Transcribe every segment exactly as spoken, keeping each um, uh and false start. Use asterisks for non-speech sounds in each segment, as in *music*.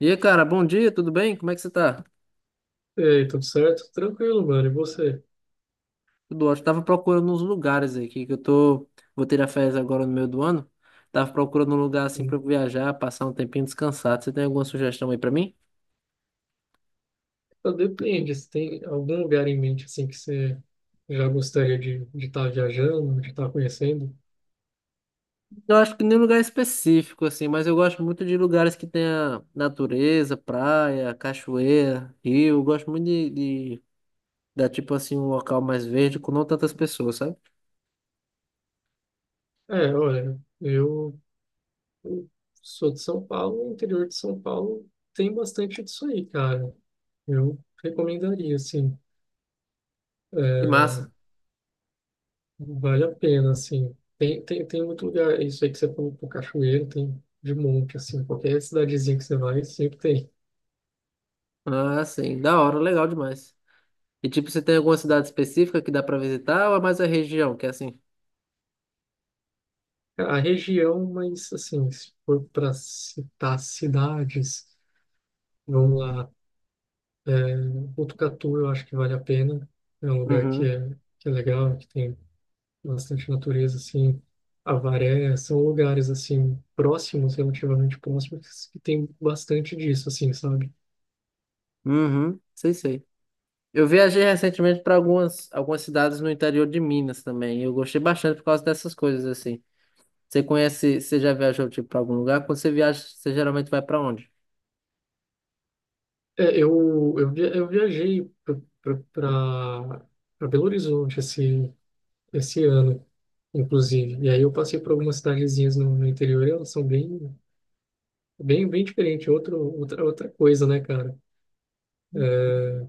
E aí, cara, bom dia, tudo bem? Como é que você tá? Ei, tudo certo? Tranquilo, mano. E você? Tudo ótimo. Tava procurando uns lugares aqui, que eu tô... Vou tirar férias agora no meio do ano. Tava procurando um lugar assim pra Hum, eu viajar, passar um tempinho descansado. Você tem alguma sugestão aí pra mim? Depende, se tem algum lugar em mente assim que você já gostaria de estar viajando, de estar conhecendo? Eu acho que nem lugar específico, assim, mas eu gosto muito de lugares que tenha natureza, praia, cachoeira, rio. Eu gosto muito de, de dar, tipo assim, um local mais verde com não tantas pessoas, sabe? É, olha, eu, eu sou de São Paulo, o interior de São Paulo tem bastante disso aí, cara. Eu recomendaria, assim, Que é, massa. vale a pena, assim. Tem, tem, tem muito lugar, isso aí que você falou, pô, cachoeira, tem de monte, assim, qualquer cidadezinha que você vai, sempre tem. Ah, sim, da hora, legal demais. E tipo, você tem alguma cidade específica que dá pra visitar ou é mais a região, que é assim? A região, mas assim, se for para citar cidades, vamos lá. É, Botucatu eu acho que vale a pena. É um lugar que Uhum. é, que é legal, que tem bastante natureza, assim. Avaré, são lugares, assim, próximos, relativamente próximos, que tem bastante disso, assim, sabe? Uhum. Sei, sei. Eu viajei recentemente para algumas, algumas cidades no interior de Minas também. E eu gostei bastante por causa dessas coisas assim. Você conhece, você já viajou tipo para algum lugar? Quando você viaja, você geralmente vai para onde? É, eu, eu, via, eu viajei para Belo Horizonte esse, esse ano, inclusive. E aí eu passei por algumas cidadezinhas no, no interior, elas são bem Bem, bem diferente, outro, outra, outra coisa, né, cara? É,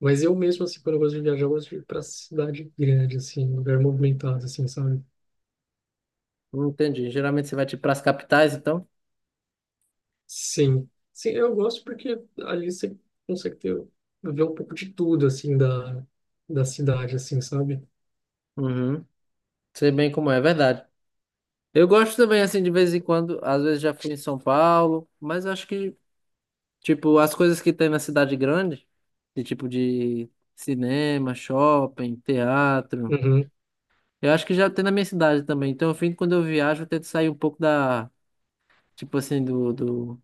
mas eu mesmo, assim, quando eu gosto de viajar, eu gosto de ir pra cidade grande, assim, lugar movimentado, assim, sabe? Não entendi. Geralmente você vai tipo para as capitais, então? Sim. Sim, eu gosto porque ali você consegue ter, ver um pouco de tudo, assim, da, da cidade, assim, sabe? Uhum. Sei bem como é, é verdade. Eu gosto também assim de vez em quando, às vezes já fui em São Paulo, mas eu acho que tipo, as coisas que tem na cidade grande, de tipo de cinema, shopping, teatro. Uhum, Eu acho que já tem na minha cidade também. Então, eu fim, quando eu viajo, eu tento sair um pouco da, tipo assim, do, do,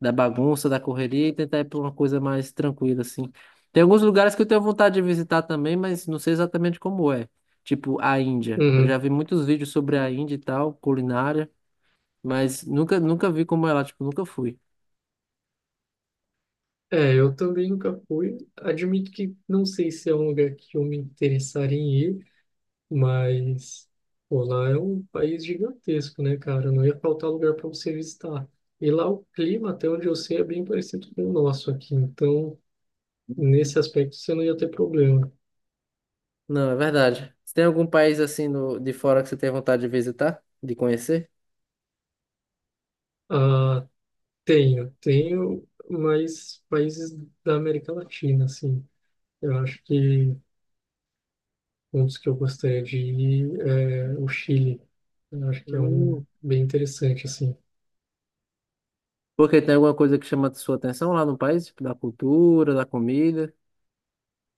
da bagunça, da correria e tentar ir pra uma coisa mais tranquila, assim. Tem alguns lugares que eu tenho vontade de visitar também, mas não sei exatamente como é. Tipo, a Índia. Eu já uhum. vi muitos vídeos sobre a Índia e tal, culinária, mas nunca, nunca vi como é lá, tipo, nunca fui. É, eu também nunca fui. Admito que não sei se é um lugar que eu me interessaria em ir, mas, pô, lá é um país gigantesco, né, cara? Não ia faltar lugar para você visitar. E lá o clima, até onde eu sei, é bem parecido com o nosso aqui. Então, nesse aspecto, você não ia ter problema. Não, é verdade. Você tem algum país assim no, de fora que você tem vontade de visitar, de conhecer? Ah, tenho, tenho, mas países da América Latina, assim. Eu acho que um dos que eu gostaria de ir é o Chile. Eu acho que é um Hum. bem interessante, assim. Porque tem alguma coisa que chama sua atenção lá no país? Tipo, da cultura, da comida?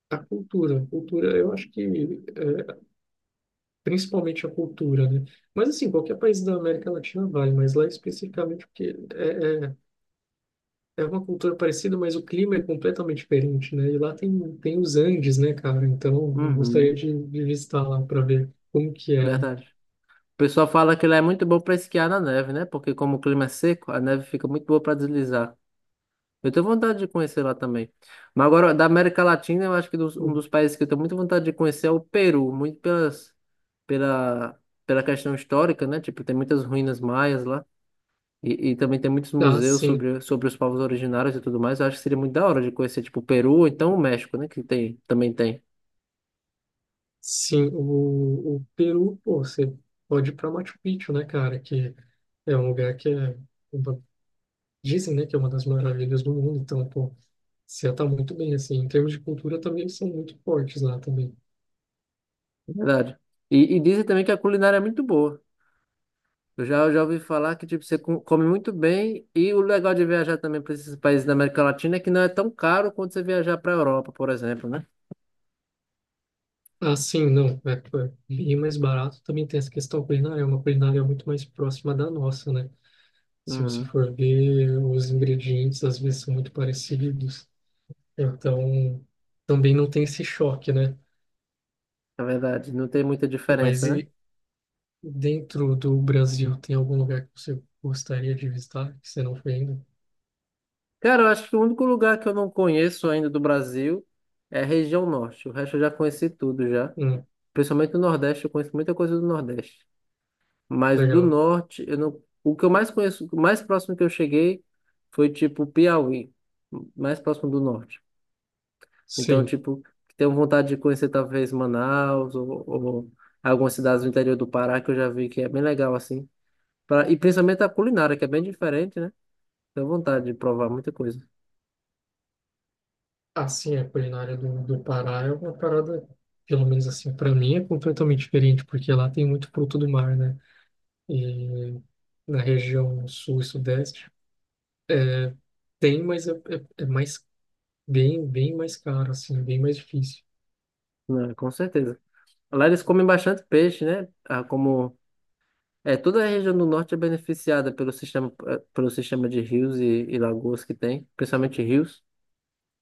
A cultura, a cultura, eu acho que é, principalmente a cultura, né? Mas assim, qualquer país da América Latina vale, mas lá especificamente porque é, é, é uma cultura parecida, mas o clima é completamente diferente, né? E lá tem, tem os Andes, né, cara? Então, eu gostaria Uhum, de, de visitar lá para ver como que é, né? verdade. O pessoal fala que lá é muito bom para esquiar na neve, né? Porque como o clima é seco, a neve fica muito boa para deslizar. Eu tenho vontade de conhecer lá também. Mas agora, da América Latina, eu acho que dos- um Hum, dos países que eu tenho muita vontade de conhecer é o Peru, muito pelas, pela, pela questão histórica, né? Tipo, tem muitas ruínas maias lá. E, e também tem muitos ah, museus sim, sobre, sobre os povos originários e tudo mais. Eu acho que seria muito da hora de conhecer, tipo, o Peru, ou então o México, né? Que tem, também tem. sim, o, o Peru, pô, você pode ir para Machu Picchu, né, cara? Que é um lugar que é, uma- Dizem, né, que é uma das maravilhas do mundo, então, pô, você tá muito bem, assim, em termos de cultura também eles são muito fortes lá também. É verdade. E, e dizem também que a culinária é muito boa. Eu já, eu já ouvi falar que, tipo, você co- come muito bem. E o legal de viajar também para esses países da América Latina é que não é tão caro quanto você viajar para a Europa, por exemplo, né? Ah, sim, não. É, é bem mais barato. Também tem essa questão culinária. É uma culinária muito mais próxima da nossa, né? Se você Uhum. for ver, os ingredientes às vezes são muito parecidos. Então, também não tem esse choque, né? É verdade. Não tem muita Mas diferença, né? e dentro do Brasil, tem algum lugar que você gostaria de visitar, que você não foi ainda? Cara, eu acho que o único lugar que eu não conheço ainda do Brasil é a região norte. O resto eu já conheci tudo já. Hum, Principalmente no Nordeste, eu conheço muita coisa do Nordeste. Mas do legal. Norte, eu não... o que eu mais conheço, o mais próximo que eu cheguei foi tipo Piauí, mais próximo do Norte. Então, Sim. tipo, tenho vontade de conhecer talvez Manaus ou, ou algumas cidades do interior do Pará que eu já vi que é bem legal assim. Pra... E principalmente a culinária, que é bem diferente, né? Tenho vontade de provar muita coisa. Assim, a culinária do, do Pará é uma parada, pelo menos assim, para mim é completamente diferente, porque lá tem muito fruto do mar, né? E na região sul e sudeste. Tem, mas é, é, é mais bem, bem mais caro, assim, bem mais difícil. Não, com certeza. Lá eles comem bastante peixe, né? Ah, como é, toda a região do norte é beneficiada pelo sistema, eh, pelo sistema de rios e, e lagoas que tem, principalmente rios,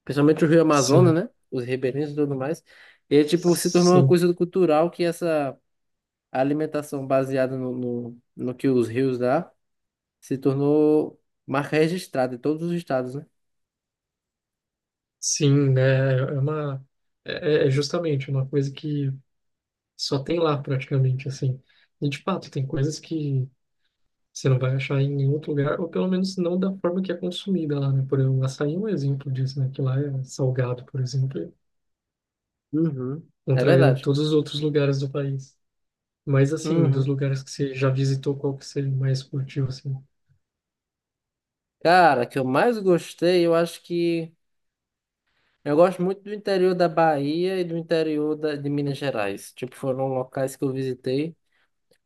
principalmente o Rio Amazonas, Sim, né? Os ribeirinhos e tudo mais. E, tipo, se tornou uma sim, coisa cultural que essa alimentação baseada no, no, no que os rios dá se tornou marca registrada em todos os estados, né? sim, né? É uma, é, é é justamente uma coisa que só tem lá praticamente, assim. E de fato, tem coisas que você não vai achar em nenhum outro lugar, ou pelo menos não da forma que é consumida lá, né? Por exemplo, o açaí é um exemplo disso, né? Que lá é salgado, por exemplo, Uhum. É contrariando verdade. todos os outros lugares do país. Mas assim, dos Uhum. lugares que você já visitou, qual que você mais curtiu, assim? Cara, que eu mais gostei, eu acho que eu gosto muito do interior da Bahia e do interior da, de Minas Gerais. Tipo, foram locais que eu visitei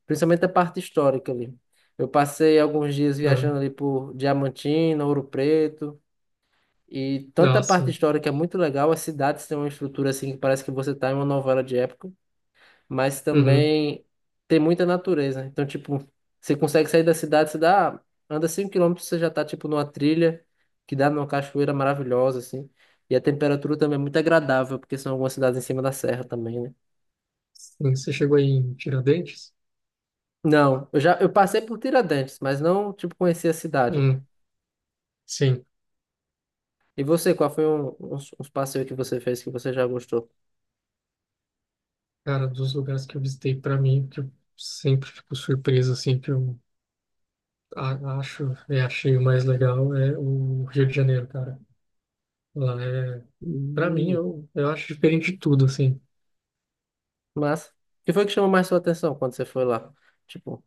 principalmente a parte histórica ali. Eu passei alguns dias Ah, viajando ali por Diamantina, Ouro Preto, e tanta ah, parte sim. histórica é muito legal. As cidades têm uma estrutura assim que parece que você está em uma novela de época, mas Uhum. também tem muita natureza. Então, tipo, você consegue sair da cidade, você dá, anda cinco quilômetros você já está tipo numa trilha que dá numa cachoeira maravilhosa assim. E a temperatura também é muito agradável, porque são algumas cidades em cima da serra também, né? Sim, você chegou aí em Tiradentes? Não, eu já eu passei por Tiradentes, mas não tipo conheci a cidade. Hum, sim. E você, qual foi um- uns, uns passeios que você fez que você já gostou? Cara, dos lugares que eu visitei, para mim, que eu sempre fico surpreso, assim, que eu a- acho e achei o mais legal é o Rio de Janeiro, cara. Lá é, Para mim, Hum, eu, eu acho diferente de tudo, assim. mas, o que foi que chamou mais sua atenção quando você foi lá? Tipo,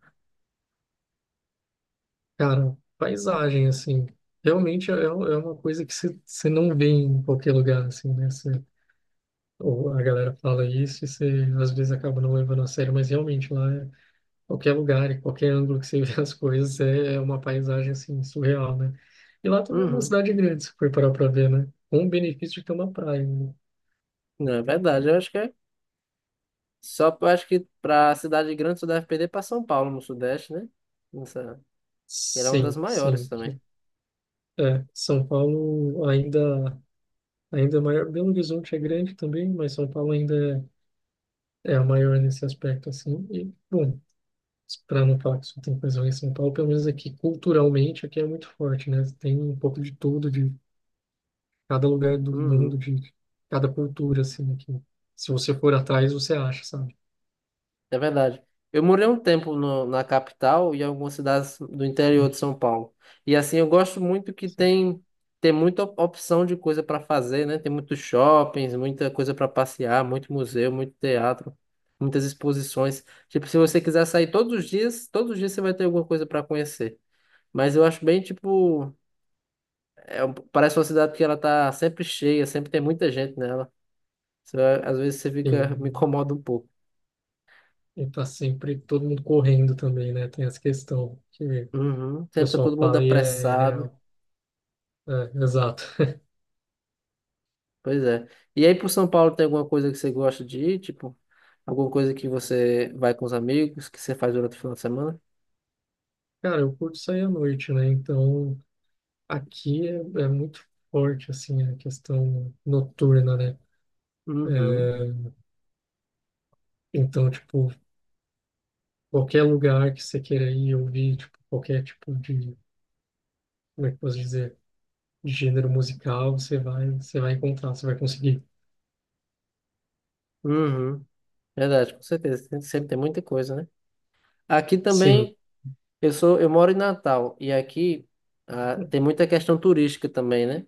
Cara, paisagem, assim, realmente é, é um, é uma coisa que você você não vê em qualquer lugar, assim, né? Você, ou a galera fala isso e você às vezes acaba não levando a sério, mas realmente lá é qualquer lugar e qualquer ângulo que você *laughs* vê as coisas é é uma paisagem assim surreal, né? E lá também é uma uhum, cidade grande, se for parar para ver, né? Com o benefício de ter uma praia. Né? não é verdade, eu acho que é. Só eu acho que pra cidade grande você deve perder pra São Paulo, no Sudeste, né? Nossa, ela é uma das Sim, maiores Sim, que também. é, São Paulo ainda ainda é maior. Belo Horizonte é grande também, mas São Paulo ainda é, é a maior nesse aspecto assim. E bom, para não falar que só tem coisa ruim em São Paulo, pelo menos aqui culturalmente aqui é muito forte, né? Tem um pouco de tudo, cada lugar do mundo, Uhum. de cada cultura, assim, né, que se você for atrás, você acha, sabe? É verdade. Eu morei um tempo no- na capital e algumas cidades do interior Hum, de São Paulo. E assim, eu gosto muito que sim. tem, tem muita op- opção de coisa para fazer, né? Tem muitos shoppings, muita coisa para passear, muito museu, muito teatro, muitas exposições. Tipo, se você quiser sair todos os dias, todos os dias você vai ter alguma coisa para conhecer. Mas eu acho bem, tipo, é, um- parece uma cidade que ela tá sempre cheia, sempre tem muita gente nela. Você, às vezes você E, fica, me incomoda um pouco. e tá sempre todo mundo correndo também, né? Tem essa questão que o Uhum. Sempre tá todo pessoal mundo fala e é é apressado. real. É, exato. Pois é. E aí, por São Paulo, tem alguma coisa que você gosta de ir? Tipo, alguma coisa que você vai com os amigos, que você faz durante o final de semana? Cara, eu curto sair à noite, né? Então, aqui é, é muito forte, assim, a questão noturna, né? Uhum. É, então, tipo, qualquer lugar que você queira ir ouvir, tipo, qualquer tipo de, como é que eu posso dizer? De gênero musical, você vai, você vai encontrar, você vai conseguir. Uhum. Verdade, com certeza. Tem- sempre tem muita coisa, né? Aqui Sim. também, eu sou, eu moro em Natal, e aqui ah, tem muita questão turística também, né?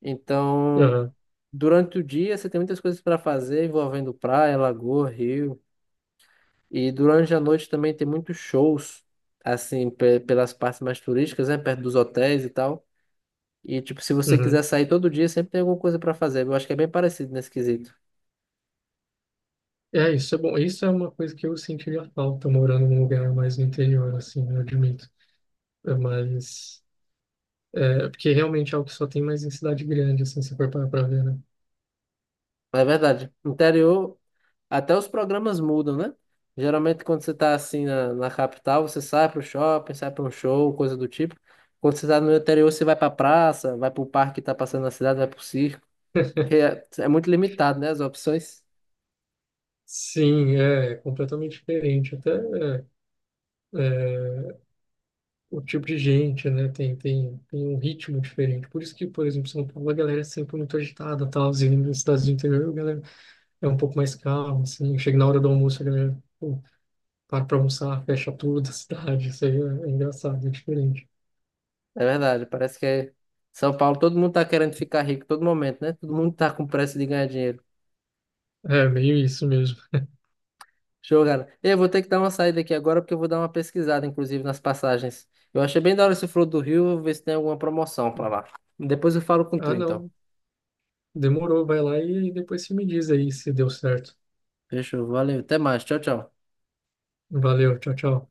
Então, Aham, durante o dia, você tem muitas coisas para fazer envolvendo praia, lagoa, rio. E durante a noite também tem muitos shows, assim, pe- pelas partes mais turísticas, né? Perto dos hotéis e tal. E, tipo, se você quiser uhum. sair todo dia, sempre tem alguma coisa pra fazer. Eu acho que é bem parecido nesse quesito. É, isso é bom. Isso é uma coisa que eu sentiria falta morando num lugar mais no interior, assim, eu admito. É, mas, é, porque realmente é algo que só tem mais em cidade grande, assim, se for parar pra ver, né? Mas é verdade. Interior, até os programas mudam, né? Geralmente, quando você tá assim na, na capital, você sai pro shopping, sai pra um show, coisa do tipo. Quando você tá no interior, você vai pra praça, vai pro parque que tá passando na cidade, vai pro circo. *laughs* Que é, é muito limitado, né? As opções. Sim, é, é completamente diferente. Até é, é, o tipo de gente, né? Tem, tem, tem um ritmo diferente. Por isso que, por exemplo, São Paulo, a galera é sempre muito agitada, tal, e nas cidades do interior, a galera é um pouco mais calmo, assim. Chega na hora do almoço, a galera, pô, para pra almoçar, fecha tudo *laughs* a cidade. Isso aí é, é engraçado, é diferente. É verdade. Parece que é São Paulo, todo mundo tá querendo ficar rico todo momento, né? Todo mundo tá com pressa de ganhar dinheiro. É, meio isso mesmo. Show, cara. Eu vou ter que dar uma saída aqui agora porque eu vou dar uma pesquisada, inclusive, nas passagens. Eu achei bem da hora esse Flor do Rio, vou ver se tem alguma promoção pra lá. Depois eu falo com tu, Ah, então. não. Demorou, vai lá e depois você me diz aí se deu certo. Fechou, valeu. Até mais. Tchau, tchau. Valeu, tchau, tchau.